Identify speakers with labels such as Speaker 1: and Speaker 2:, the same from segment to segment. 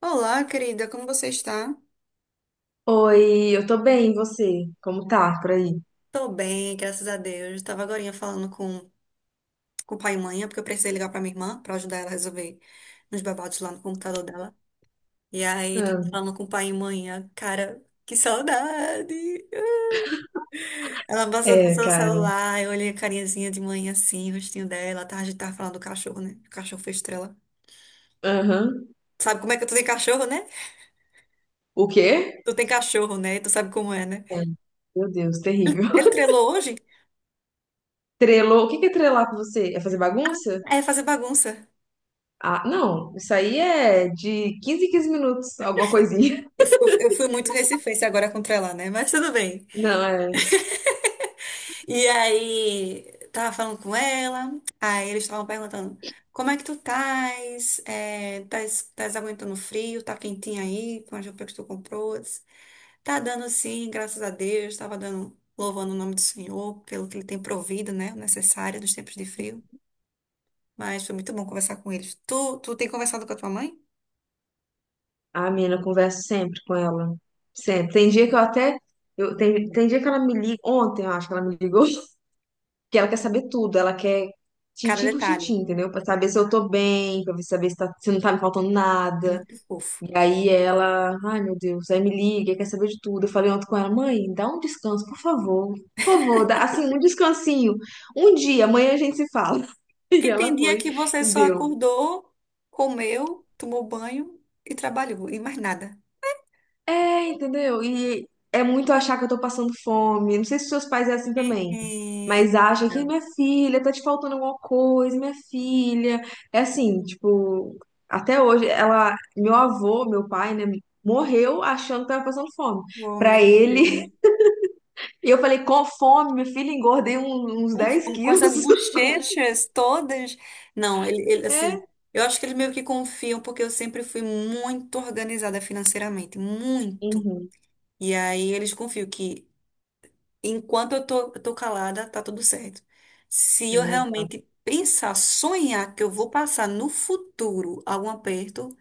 Speaker 1: Olá, querida, como você está?
Speaker 2: Oi, eu tô bem, e você? Como tá por aí?
Speaker 1: Tô bem, graças a Deus. Tava agorinha falando com o pai e mãe, é porque eu precisei ligar pra minha irmã pra ajudar ela a resolver uns babados lá no computador dela. E aí, tava
Speaker 2: Ah,
Speaker 1: falando com o pai e mãe, cara, que saudade! Ela passou no
Speaker 2: é,
Speaker 1: seu
Speaker 2: cara.
Speaker 1: celular, eu olhei a carinhazinha de mãe assim, o rostinho dela, tá? A gente tava falando do cachorro, né? O cachorro foi estrela.
Speaker 2: Aham.
Speaker 1: Sabe como é que tu tem cachorro, né?
Speaker 2: O quê?
Speaker 1: Tu tem cachorro, né? Tu sabe como é, né?
Speaker 2: É. Meu Deus, terrível.
Speaker 1: Ele trelou hoje?
Speaker 2: Trelou? O que que é trelar com você? É fazer bagunça?
Speaker 1: É fazer bagunça.
Speaker 2: Ah, não, isso aí é em 15 minutos, alguma coisinha.
Speaker 1: Eu fui, eu fui muito recifense agora contra ela, né? Mas tudo bem.
Speaker 2: Não, é.
Speaker 1: E aí, tava falando com ela, aí eles estavam perguntando, como é que tu tás? É, tás aguentando o frio? Tá quentinha aí com as roupas que tu comprou? Eu disse, tá dando sim, graças a Deus. Tava dando, louvando o nome do Senhor pelo que ele tem provido, né? O necessário dos tempos de frio. Mas foi muito bom conversar com eles. Tu tem conversado com a tua mãe?
Speaker 2: A menina, eu converso sempre com ela. Sempre. Tem dia que eu até. Tem dia que ela me liga. Ontem, eu acho que ela me ligou. Que ela quer saber tudo. Ela quer
Speaker 1: Cada
Speaker 2: tintim por tintim,
Speaker 1: detalhe.
Speaker 2: entendeu? Pra saber se eu tô bem, pra saber se, tá, se não tá me faltando
Speaker 1: É
Speaker 2: nada.
Speaker 1: muito fofo.
Speaker 2: E aí ela, ai meu Deus, aí me liga, quer saber de tudo. Eu falei ontem com ela, mãe, dá um descanso, por favor. Por favor, dá assim, um descansinho. Um dia, amanhã a gente se fala. E
Speaker 1: Porque tem
Speaker 2: ela
Speaker 1: dia
Speaker 2: foi
Speaker 1: que você
Speaker 2: e
Speaker 1: só
Speaker 2: deu.
Speaker 1: acordou, comeu, tomou banho e trabalhou, e mais nada.
Speaker 2: É, entendeu? E é muito achar que eu tô passando fome. Não sei se seus pais é assim
Speaker 1: É,
Speaker 2: também.
Speaker 1: é,
Speaker 2: Mas acha que
Speaker 1: não.
Speaker 2: minha filha tá te faltando alguma coisa, minha filha. É assim, tipo, até hoje ela, meu avô, meu pai, né, morreu achando que tava passando fome.
Speaker 1: Oh,
Speaker 2: Pra
Speaker 1: meu Deus.
Speaker 2: ele E eu falei, com fome, minha filha, engordei uns
Speaker 1: Com
Speaker 2: 10
Speaker 1: fome, com essas
Speaker 2: quilos.
Speaker 1: bochechas todas. Não, ele, assim,
Speaker 2: É.
Speaker 1: eu acho que eles meio que confiam, porque eu sempre fui muito organizada financeiramente, muito.
Speaker 2: Uhum.
Speaker 1: E aí eles confiam que enquanto eu tô calada, tá tudo certo. Se eu
Speaker 2: É,
Speaker 1: realmente pensar, sonhar que eu vou passar no futuro algum aperto,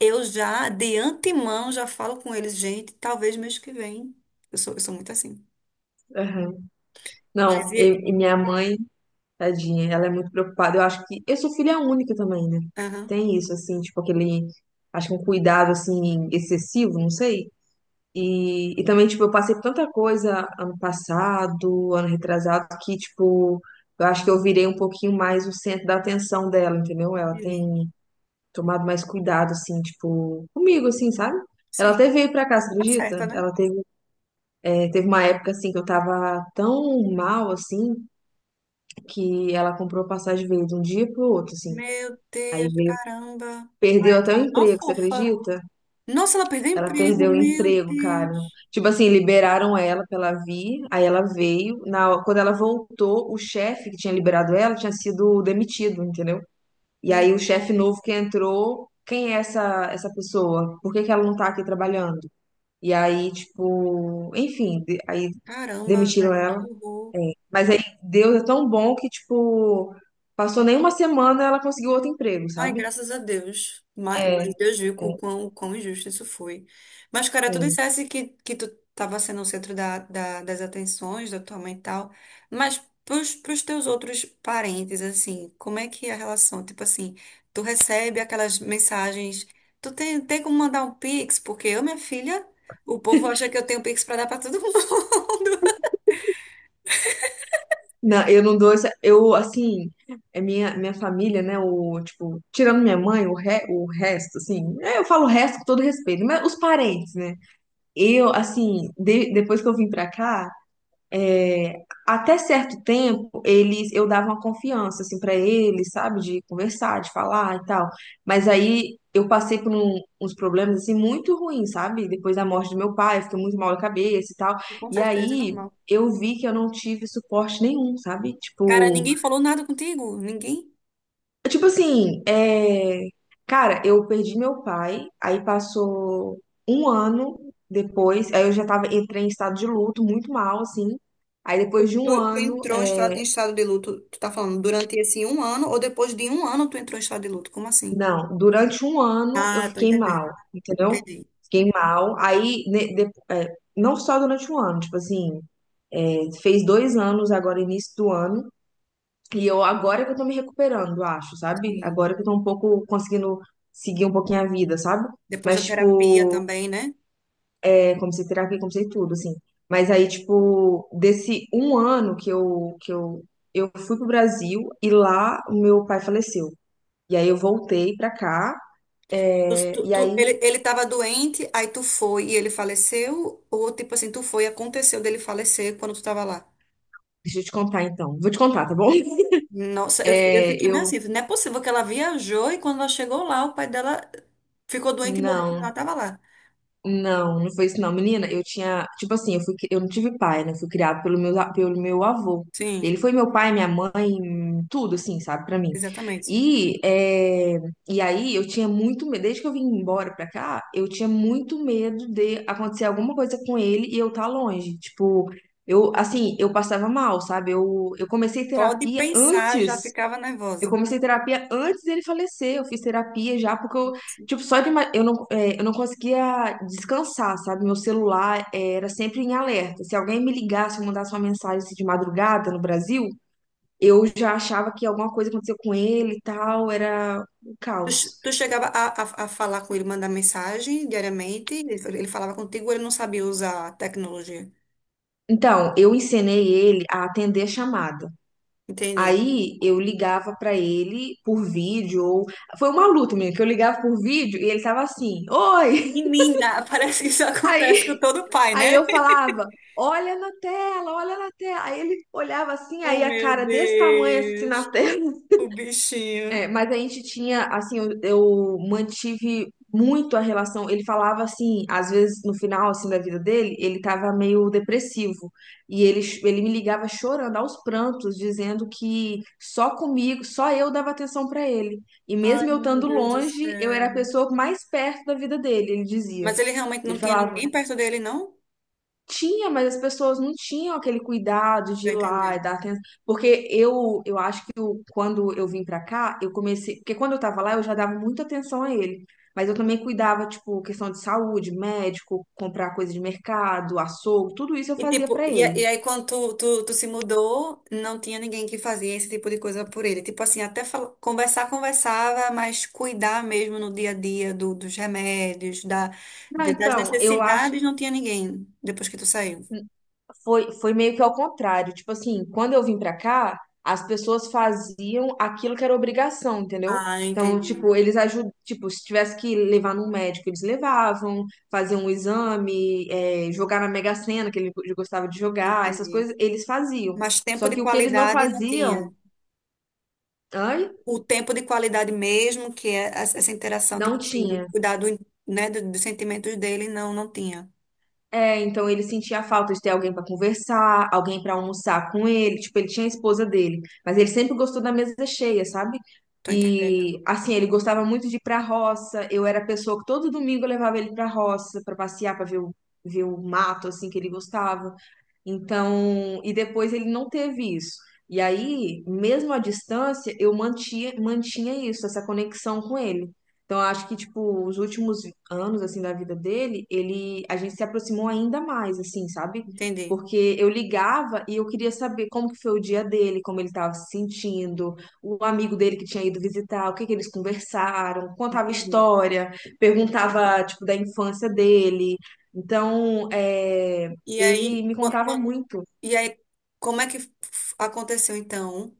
Speaker 1: eu já, de antemão, já falo com eles, gente, talvez mês que vem. Eu sou muito assim.
Speaker 2: aham. Não,
Speaker 1: Mas
Speaker 2: e,
Speaker 1: e.
Speaker 2: e minha mãe, tadinha, ela é muito preocupada. Eu acho que eu sou filha única também, né?
Speaker 1: Aham,
Speaker 2: Tem isso, assim, tipo, acho que um cuidado, assim, excessivo, não sei. E também, tipo, eu passei por tanta coisa ano passado, ano retrasado, que, tipo, eu acho que eu virei um pouquinho mais o centro da atenção dela, entendeu? Ela
Speaker 1: entendi.
Speaker 2: tem tomado mais cuidado, assim, tipo, comigo, assim, sabe? Ela
Speaker 1: Sim,
Speaker 2: até veio pra cá, você
Speaker 1: tá certa,
Speaker 2: acredita?
Speaker 1: né?
Speaker 2: Ela teve uma época, assim, que eu tava tão mal, assim, que ela comprou a passagem, veio de um dia pro outro, assim.
Speaker 1: Meu
Speaker 2: Aí
Speaker 1: Deus,
Speaker 2: veio,
Speaker 1: caramba.
Speaker 2: perdeu
Speaker 1: Ai, tá
Speaker 2: até o
Speaker 1: uma
Speaker 2: emprego, você
Speaker 1: fofa.
Speaker 2: acredita?
Speaker 1: Nossa, ela perdeu o
Speaker 2: Ela
Speaker 1: emprego,
Speaker 2: perdeu o
Speaker 1: meu
Speaker 2: emprego, cara.
Speaker 1: Deus.
Speaker 2: Tipo assim, liberaram ela pra ela vir, aí ela veio. Quando ela voltou, o chefe que tinha liberado ela tinha sido demitido, entendeu? E aí o chefe
Speaker 1: Não,
Speaker 2: novo que entrou, quem é essa pessoa? Por que que ela não tá aqui trabalhando? E aí, tipo, enfim, aí
Speaker 1: caramba,
Speaker 2: demitiram
Speaker 1: velho, que
Speaker 2: ela.
Speaker 1: horror.
Speaker 2: Mas aí Deus é tão bom que, tipo, passou nem uma semana ela conseguiu outro emprego,
Speaker 1: Ai,
Speaker 2: sabe?
Speaker 1: graças a Deus. Mas,
Speaker 2: É,
Speaker 1: mas
Speaker 2: é,
Speaker 1: Deus viu o quão injusto isso foi. Mas, cara, tu
Speaker 2: é.
Speaker 1: dissesse que tu estava sendo o centro das atenções da tua mãe e tal. Mas pros teus outros parentes, assim, como é que é a relação? Tipo assim, tu recebe aquelas mensagens. Tu tem como mandar um Pix? Porque eu, minha filha, o povo acha que eu tenho Pix pra dar pra todo mundo.
Speaker 2: Não, eu não dou essa. Eu, assim, é minha família, né? Tipo, tirando minha mãe, o resto, assim. Eu falo o resto com todo respeito, mas os parentes, né? Eu, assim, depois que eu vim pra cá. Até certo tempo, eu dava uma confiança, assim, para eles, sabe, de conversar, de falar e tal. Mas aí eu passei por uns problemas, assim, muito ruins, sabe? Depois da morte do meu pai, eu fiquei muito mal da cabeça e tal.
Speaker 1: Com
Speaker 2: E
Speaker 1: certeza, é
Speaker 2: aí
Speaker 1: normal.
Speaker 2: eu vi que eu não tive suporte nenhum, sabe?
Speaker 1: Cara, ninguém falou nada contigo? Ninguém?
Speaker 2: Tipo assim, cara, eu perdi meu pai, aí passou um ano depois, aí eu já tava, entrei em estado de luto, muito mal, assim. Aí depois de
Speaker 1: Tu,
Speaker 2: um
Speaker 1: tu
Speaker 2: ano,
Speaker 1: entrou em estado de luto, tu tá falando, durante esse um ano ou depois de um ano tu entrou em estado de luto? Como assim?
Speaker 2: não, durante um ano eu
Speaker 1: Ah, tô
Speaker 2: fiquei mal,
Speaker 1: entendendo.
Speaker 2: entendeu?
Speaker 1: Entendi.
Speaker 2: Fiquei mal. Aí, não só durante um ano, tipo assim, fez 2 anos agora, início do ano, e eu agora que eu tô me recuperando, acho, sabe?
Speaker 1: Sim.
Speaker 2: Agora que eu tô um pouco conseguindo seguir um pouquinho a vida, sabe?
Speaker 1: Depois da
Speaker 2: Mas,
Speaker 1: terapia
Speaker 2: tipo,
Speaker 1: também, né?
Speaker 2: comecei terapia, comecei tudo, assim. Mas aí, tipo, desse um ano que eu fui pro Brasil e lá o meu pai faleceu. E aí eu voltei pra cá.
Speaker 1: Tu, tu,
Speaker 2: E
Speaker 1: tu-
Speaker 2: aí,
Speaker 1: ele, ele tava doente, aí tu foi e ele faleceu? Ou tipo assim, tu foi e aconteceu dele falecer quando tu tava lá?
Speaker 2: deixa eu te contar então. Vou te contar, tá bom?
Speaker 1: Nossa, eu
Speaker 2: É,
Speaker 1: fiquei meio
Speaker 2: eu.
Speaker 1: assim, não é possível que ela viajou e quando ela chegou lá, o pai dela ficou doente e morreu quando ela
Speaker 2: Não,
Speaker 1: tava lá.
Speaker 2: não, não foi isso não. Menina, eu tinha. Tipo assim, eu não tive pai, né? Eu fui criado pelo pelo meu avô.
Speaker 1: Sim,
Speaker 2: Ele foi meu pai, minha mãe, tudo, assim, sabe, pra mim.
Speaker 1: exatamente.
Speaker 2: E, é, e aí eu tinha muito medo. Desde que eu vim embora pra cá, eu tinha muito medo de acontecer alguma coisa com ele e eu estar longe. Tipo, eu, assim, eu passava mal, sabe? Eu comecei
Speaker 1: Só de
Speaker 2: terapia
Speaker 1: pensar já
Speaker 2: antes.
Speaker 1: ficava
Speaker 2: Eu
Speaker 1: nervosa.
Speaker 2: comecei terapia antes dele falecer. Eu fiz terapia já, porque eu, tipo, só de. Ima- Eu não, é, eu não conseguia descansar, sabe? Meu celular era sempre em alerta. Se alguém me ligasse, mandasse uma mensagem assim, de madrugada no Brasil, eu já achava que alguma coisa aconteceu com ele e tal. Era um
Speaker 1: Tu,
Speaker 2: caos.
Speaker 1: che- tu chegava a falar com ele, mandar mensagem diariamente, ele falava contigo, ou ele não sabia usar a tecnologia.
Speaker 2: Então, eu ensinei ele a atender a chamada.
Speaker 1: Entendi.
Speaker 2: Aí eu ligava pra ele por vídeo, ou foi uma luta minha, que eu ligava por vídeo e ele tava assim, oi!
Speaker 1: E mina, parece que isso acontece com
Speaker 2: Aí
Speaker 1: todo pai,
Speaker 2: Aí
Speaker 1: né?
Speaker 2: eu falava, olha na tela, olha na tela. Aí ele olhava assim, aí
Speaker 1: Oh,
Speaker 2: a
Speaker 1: meu
Speaker 2: cara desse tamanho assim
Speaker 1: Deus,
Speaker 2: na tela.
Speaker 1: o bichinho.
Speaker 2: É, mas a gente tinha, assim, eu mantive muito a relação. Ele falava assim, às vezes no final assim da vida dele, ele tava meio depressivo. E ele me ligava chorando aos prantos, dizendo que só comigo, só eu dava atenção pra ele. E
Speaker 1: Ai,
Speaker 2: mesmo eu
Speaker 1: meu
Speaker 2: estando
Speaker 1: Deus do
Speaker 2: longe, eu era
Speaker 1: céu.
Speaker 2: a pessoa mais perto da vida dele, ele dizia.
Speaker 1: Mas ele realmente
Speaker 2: Ele
Speaker 1: não tinha
Speaker 2: falava,
Speaker 1: ninguém perto dele, não?
Speaker 2: tinha, mas as pessoas não tinham aquele cuidado de
Speaker 1: Tá
Speaker 2: ir lá e
Speaker 1: entendendo?
Speaker 2: dar atenção. Porque eu acho que quando eu vim pra cá, eu comecei. Porque quando eu tava lá, eu já dava muita atenção a ele. Mas eu também cuidava, tipo, questão de saúde, médico, comprar coisa de mercado, açougue, tudo isso eu
Speaker 1: E
Speaker 2: fazia
Speaker 1: tipo,
Speaker 2: pra ele.
Speaker 1: e aí quando tu se mudou, não tinha ninguém que fazia esse tipo de coisa por ele. Tipo assim, até conversar, conversava, mas cuidar mesmo no dia a dia dos remédios,
Speaker 2: Não,
Speaker 1: das
Speaker 2: então, eu acho.
Speaker 1: necessidades, não tinha ninguém depois que tu saiu.
Speaker 2: Foi meio que ao contrário. Tipo assim, quando eu vim pra cá, as pessoas faziam aquilo que era obrigação, entendeu?
Speaker 1: Ah,
Speaker 2: Então,
Speaker 1: entendi,
Speaker 2: tipo, eles ajudam, tipo, se tivesse que levar num médico, eles levavam, faziam um exame, jogar na Mega Sena, que ele gostava de jogar, essas
Speaker 1: entendi.
Speaker 2: coisas eles faziam.
Speaker 1: Mas tempo
Speaker 2: Só
Speaker 1: de
Speaker 2: que o que eles não
Speaker 1: qualidade não tinha.
Speaker 2: faziam, ai,
Speaker 1: O tempo de qualidade mesmo, que é essa interação, tipo
Speaker 2: não
Speaker 1: assim, de
Speaker 2: tinha.
Speaker 1: cuidar né, dos sentimentos dele, não, não tinha.
Speaker 2: É, então ele sentia a falta de ter alguém pra conversar, alguém pra almoçar com ele. Tipo, ele tinha a esposa dele, mas ele sempre gostou da mesa cheia, sabe?
Speaker 1: Tô entendendo.
Speaker 2: E assim, ele gostava muito de ir pra roça. Eu era a pessoa que todo domingo eu levava ele pra roça pra passear, pra ver o mato assim que ele gostava. Então, e depois ele não teve isso. E aí, mesmo à distância, eu mantinha isso, essa conexão com ele. Então, eu acho que, tipo, os últimos anos, assim, da vida dele, a gente se aproximou ainda mais, assim, sabe?
Speaker 1: Entendi,
Speaker 2: Porque eu ligava e eu queria saber como que foi o dia dele, como ele estava se sentindo, o amigo dele que tinha ido visitar, o que que eles conversaram, contava
Speaker 1: entendi.
Speaker 2: história, perguntava, tipo, da infância dele. Então,
Speaker 1: E aí,
Speaker 2: ele me contava
Speaker 1: quando,
Speaker 2: muito.
Speaker 1: e aí, como é que aconteceu então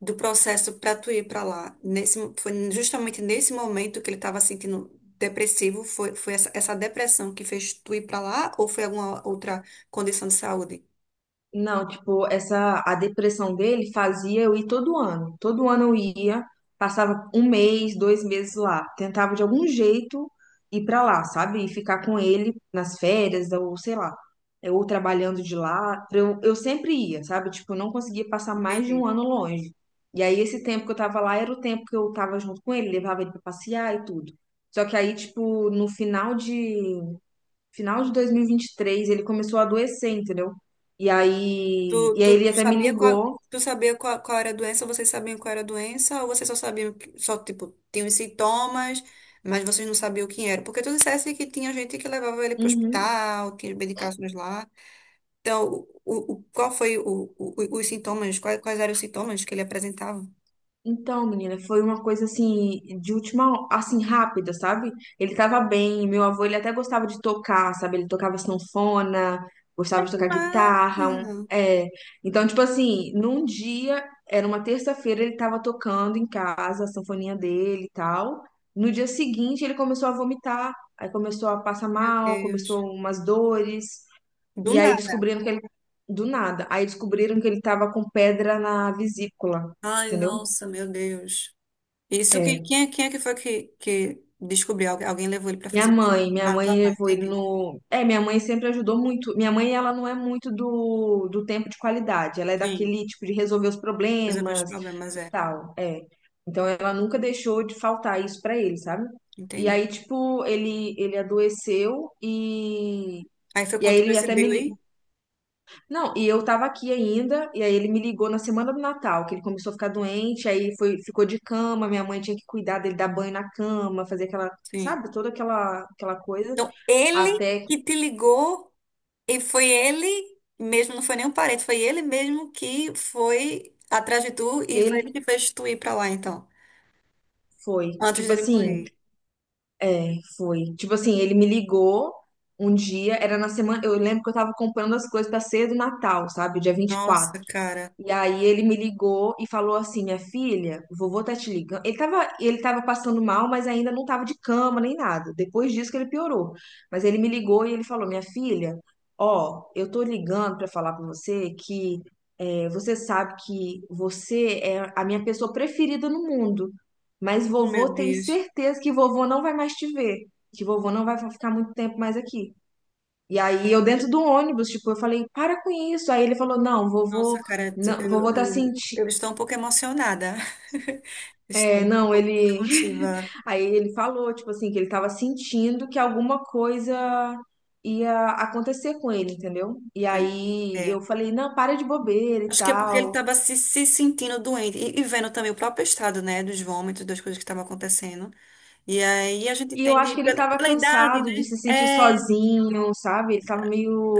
Speaker 1: do processo para tu ir para lá? Nesse, foi justamente nesse momento que ele estava sentindo depressivo, foi essa depressão que fez tu ir para lá ou foi alguma outra condição de saúde?
Speaker 2: Não, tipo, essa a depressão dele fazia eu ir todo ano. Todo ano eu ia, passava um mês, 2 meses lá, tentava de algum jeito ir pra lá, sabe? E ficar com ele nas férias ou sei lá, ou trabalhando de lá. Eu sempre ia, sabe? Tipo, eu não conseguia passar mais de um
Speaker 1: Entendi.
Speaker 2: ano longe. E aí esse tempo que eu tava lá era o tempo que eu tava junto com ele, levava ele pra passear e tudo. Só que aí, tipo, no final de dois mil e vinte e três ele começou a adoecer, entendeu? E
Speaker 1: Tu,
Speaker 2: aí, e aí
Speaker 1: tu,
Speaker 2: ele
Speaker 1: tu
Speaker 2: até me
Speaker 1: sabia qual,
Speaker 2: ligou.
Speaker 1: qual era a doença, vocês sabiam qual era a doença ou vocês só sabiam que, só tipo tinham os sintomas, mas vocês não sabiam o que era? Porque tu dissesse que tinha gente que levava ele para o
Speaker 2: Uhum.
Speaker 1: hospital, tinha medicações lá. Então, qual foi os sintomas? Quais eram os sintomas que ele apresentava?
Speaker 2: Então, menina, foi uma coisa assim, de última, assim, rápida, sabe? Ele tava bem, meu avô, ele até gostava de tocar, sabe? Ele tocava sanfona,
Speaker 1: Ai,
Speaker 2: gostava de
Speaker 1: que
Speaker 2: tocar
Speaker 1: massa!
Speaker 2: guitarra, é. Então, tipo assim, num dia, era uma terça-feira, ele tava tocando em casa, a sanfoninha dele e tal. No dia seguinte, ele começou a vomitar, aí começou a passar
Speaker 1: Meu
Speaker 2: mal, começou
Speaker 1: Deus.
Speaker 2: umas dores.
Speaker 1: Do
Speaker 2: E aí
Speaker 1: nada.
Speaker 2: descobriram que ele. Do nada. Aí descobriram que ele tava com pedra na vesícula.
Speaker 1: Ai,
Speaker 2: Entendeu?
Speaker 1: nossa, meu Deus. Isso, quem,
Speaker 2: É.
Speaker 1: quem, é- quem é que foi que descobriu? Alguém levou ele para
Speaker 2: Minha
Speaker 1: fazer o
Speaker 2: mãe,
Speaker 1: exame?
Speaker 2: minha
Speaker 1: Ah,
Speaker 2: mãe
Speaker 1: tua mãe,
Speaker 2: levou ele
Speaker 1: entendi.
Speaker 2: no. Minha mãe sempre ajudou muito. Minha mãe, ela não é muito do tempo de qualidade. Ela é
Speaker 1: Sim,
Speaker 2: daquele tipo de resolver os
Speaker 1: resolveu os
Speaker 2: problemas
Speaker 1: problemas,
Speaker 2: e
Speaker 1: é.
Speaker 2: tal. É. Então ela nunca deixou de faltar isso pra ele, sabe? E
Speaker 1: Entendi.
Speaker 2: aí, tipo, ele adoeceu e.
Speaker 1: Aí foi
Speaker 2: E
Speaker 1: quando
Speaker 2: aí
Speaker 1: tu
Speaker 2: ele até me,
Speaker 1: percebeu
Speaker 2: li-
Speaker 1: aí?
Speaker 2: Não, e eu tava aqui ainda, e aí ele me ligou na semana do Natal, que ele começou a ficar doente, aí foi, ficou de cama, minha mãe tinha que cuidar dele, dar banho na cama, fazer aquela,
Speaker 1: Sim.
Speaker 2: sabe, toda aquela coisa,
Speaker 1: Então, ele
Speaker 2: até
Speaker 1: que te ligou e foi ele mesmo, não foi nem um parente, foi ele mesmo que foi atrás de tu e foi ele
Speaker 2: ele
Speaker 1: que fez tu ir pra lá, então,
Speaker 2: foi,
Speaker 1: antes
Speaker 2: tipo
Speaker 1: dele
Speaker 2: assim,
Speaker 1: morrer.
Speaker 2: ele me ligou um dia, era na semana, eu lembro que eu tava comprando as coisas pra ceia do Natal, sabe, dia 24.
Speaker 1: Nossa, cara.
Speaker 2: E aí ele me ligou e falou assim, minha filha, o vovô tá te ligando. Ele tava passando mal, mas ainda não tava de cama nem nada. Depois disso que ele piorou. Mas ele me ligou e ele falou, minha filha, ó, eu tô ligando pra falar com você você sabe que você é a minha pessoa preferida no mundo. Mas
Speaker 1: Oh, meu
Speaker 2: vovô tem
Speaker 1: Deus.
Speaker 2: certeza que vovô não vai mais te ver, que vovô não vai ficar muito tempo mais aqui. E aí eu dentro do ônibus, tipo, eu falei, para com isso. Aí ele falou, não, vovô,
Speaker 1: Nossa, cara, tu-
Speaker 2: não,
Speaker 1: eu,
Speaker 2: vovô tá
Speaker 1: eu,
Speaker 2: sentindo.
Speaker 1: eu estou um pouco emocionada.
Speaker 2: É,
Speaker 1: Estou um
Speaker 2: não,
Speaker 1: pouco
Speaker 2: ele.
Speaker 1: emotiva.
Speaker 2: Aí ele falou, tipo assim, que ele tava sentindo que alguma coisa ia acontecer com ele, entendeu? E
Speaker 1: Tô-
Speaker 2: aí
Speaker 1: É.
Speaker 2: eu falei, não, para de bobeira e
Speaker 1: Acho que é porque ele
Speaker 2: tal.
Speaker 1: estava se sentindo doente e vendo também o próprio estado, né, dos vômitos, das coisas que estavam acontecendo. E aí a gente
Speaker 2: E eu acho
Speaker 1: entende
Speaker 2: que ele
Speaker 1: pela,
Speaker 2: tava
Speaker 1: pela idade, né?
Speaker 2: cansado de se sentir
Speaker 1: É,
Speaker 2: sozinho, sabe? Ele tava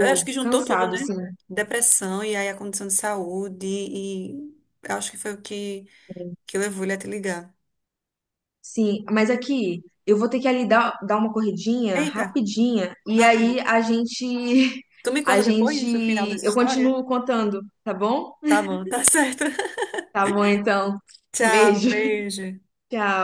Speaker 1: eu acho que juntou tudo,
Speaker 2: cansado,
Speaker 1: né?
Speaker 2: assim.
Speaker 1: Depressão e aí a condição de saúde e eu acho que foi o que levou ele a te ligar.
Speaker 2: Sim, mas aqui eu vou ter que ali dar uma corridinha
Speaker 1: Eita,
Speaker 2: rapidinha e
Speaker 1: ah, tá bom.
Speaker 2: aí a gente
Speaker 1: Tu me
Speaker 2: a
Speaker 1: conta depois do final
Speaker 2: gente
Speaker 1: dessa
Speaker 2: eu
Speaker 1: história?
Speaker 2: continuo contando, tá bom?
Speaker 1: Tá bom, tá certo.
Speaker 2: Tá bom então.
Speaker 1: Tchau,
Speaker 2: Beijo.
Speaker 1: beijo.
Speaker 2: Tchau.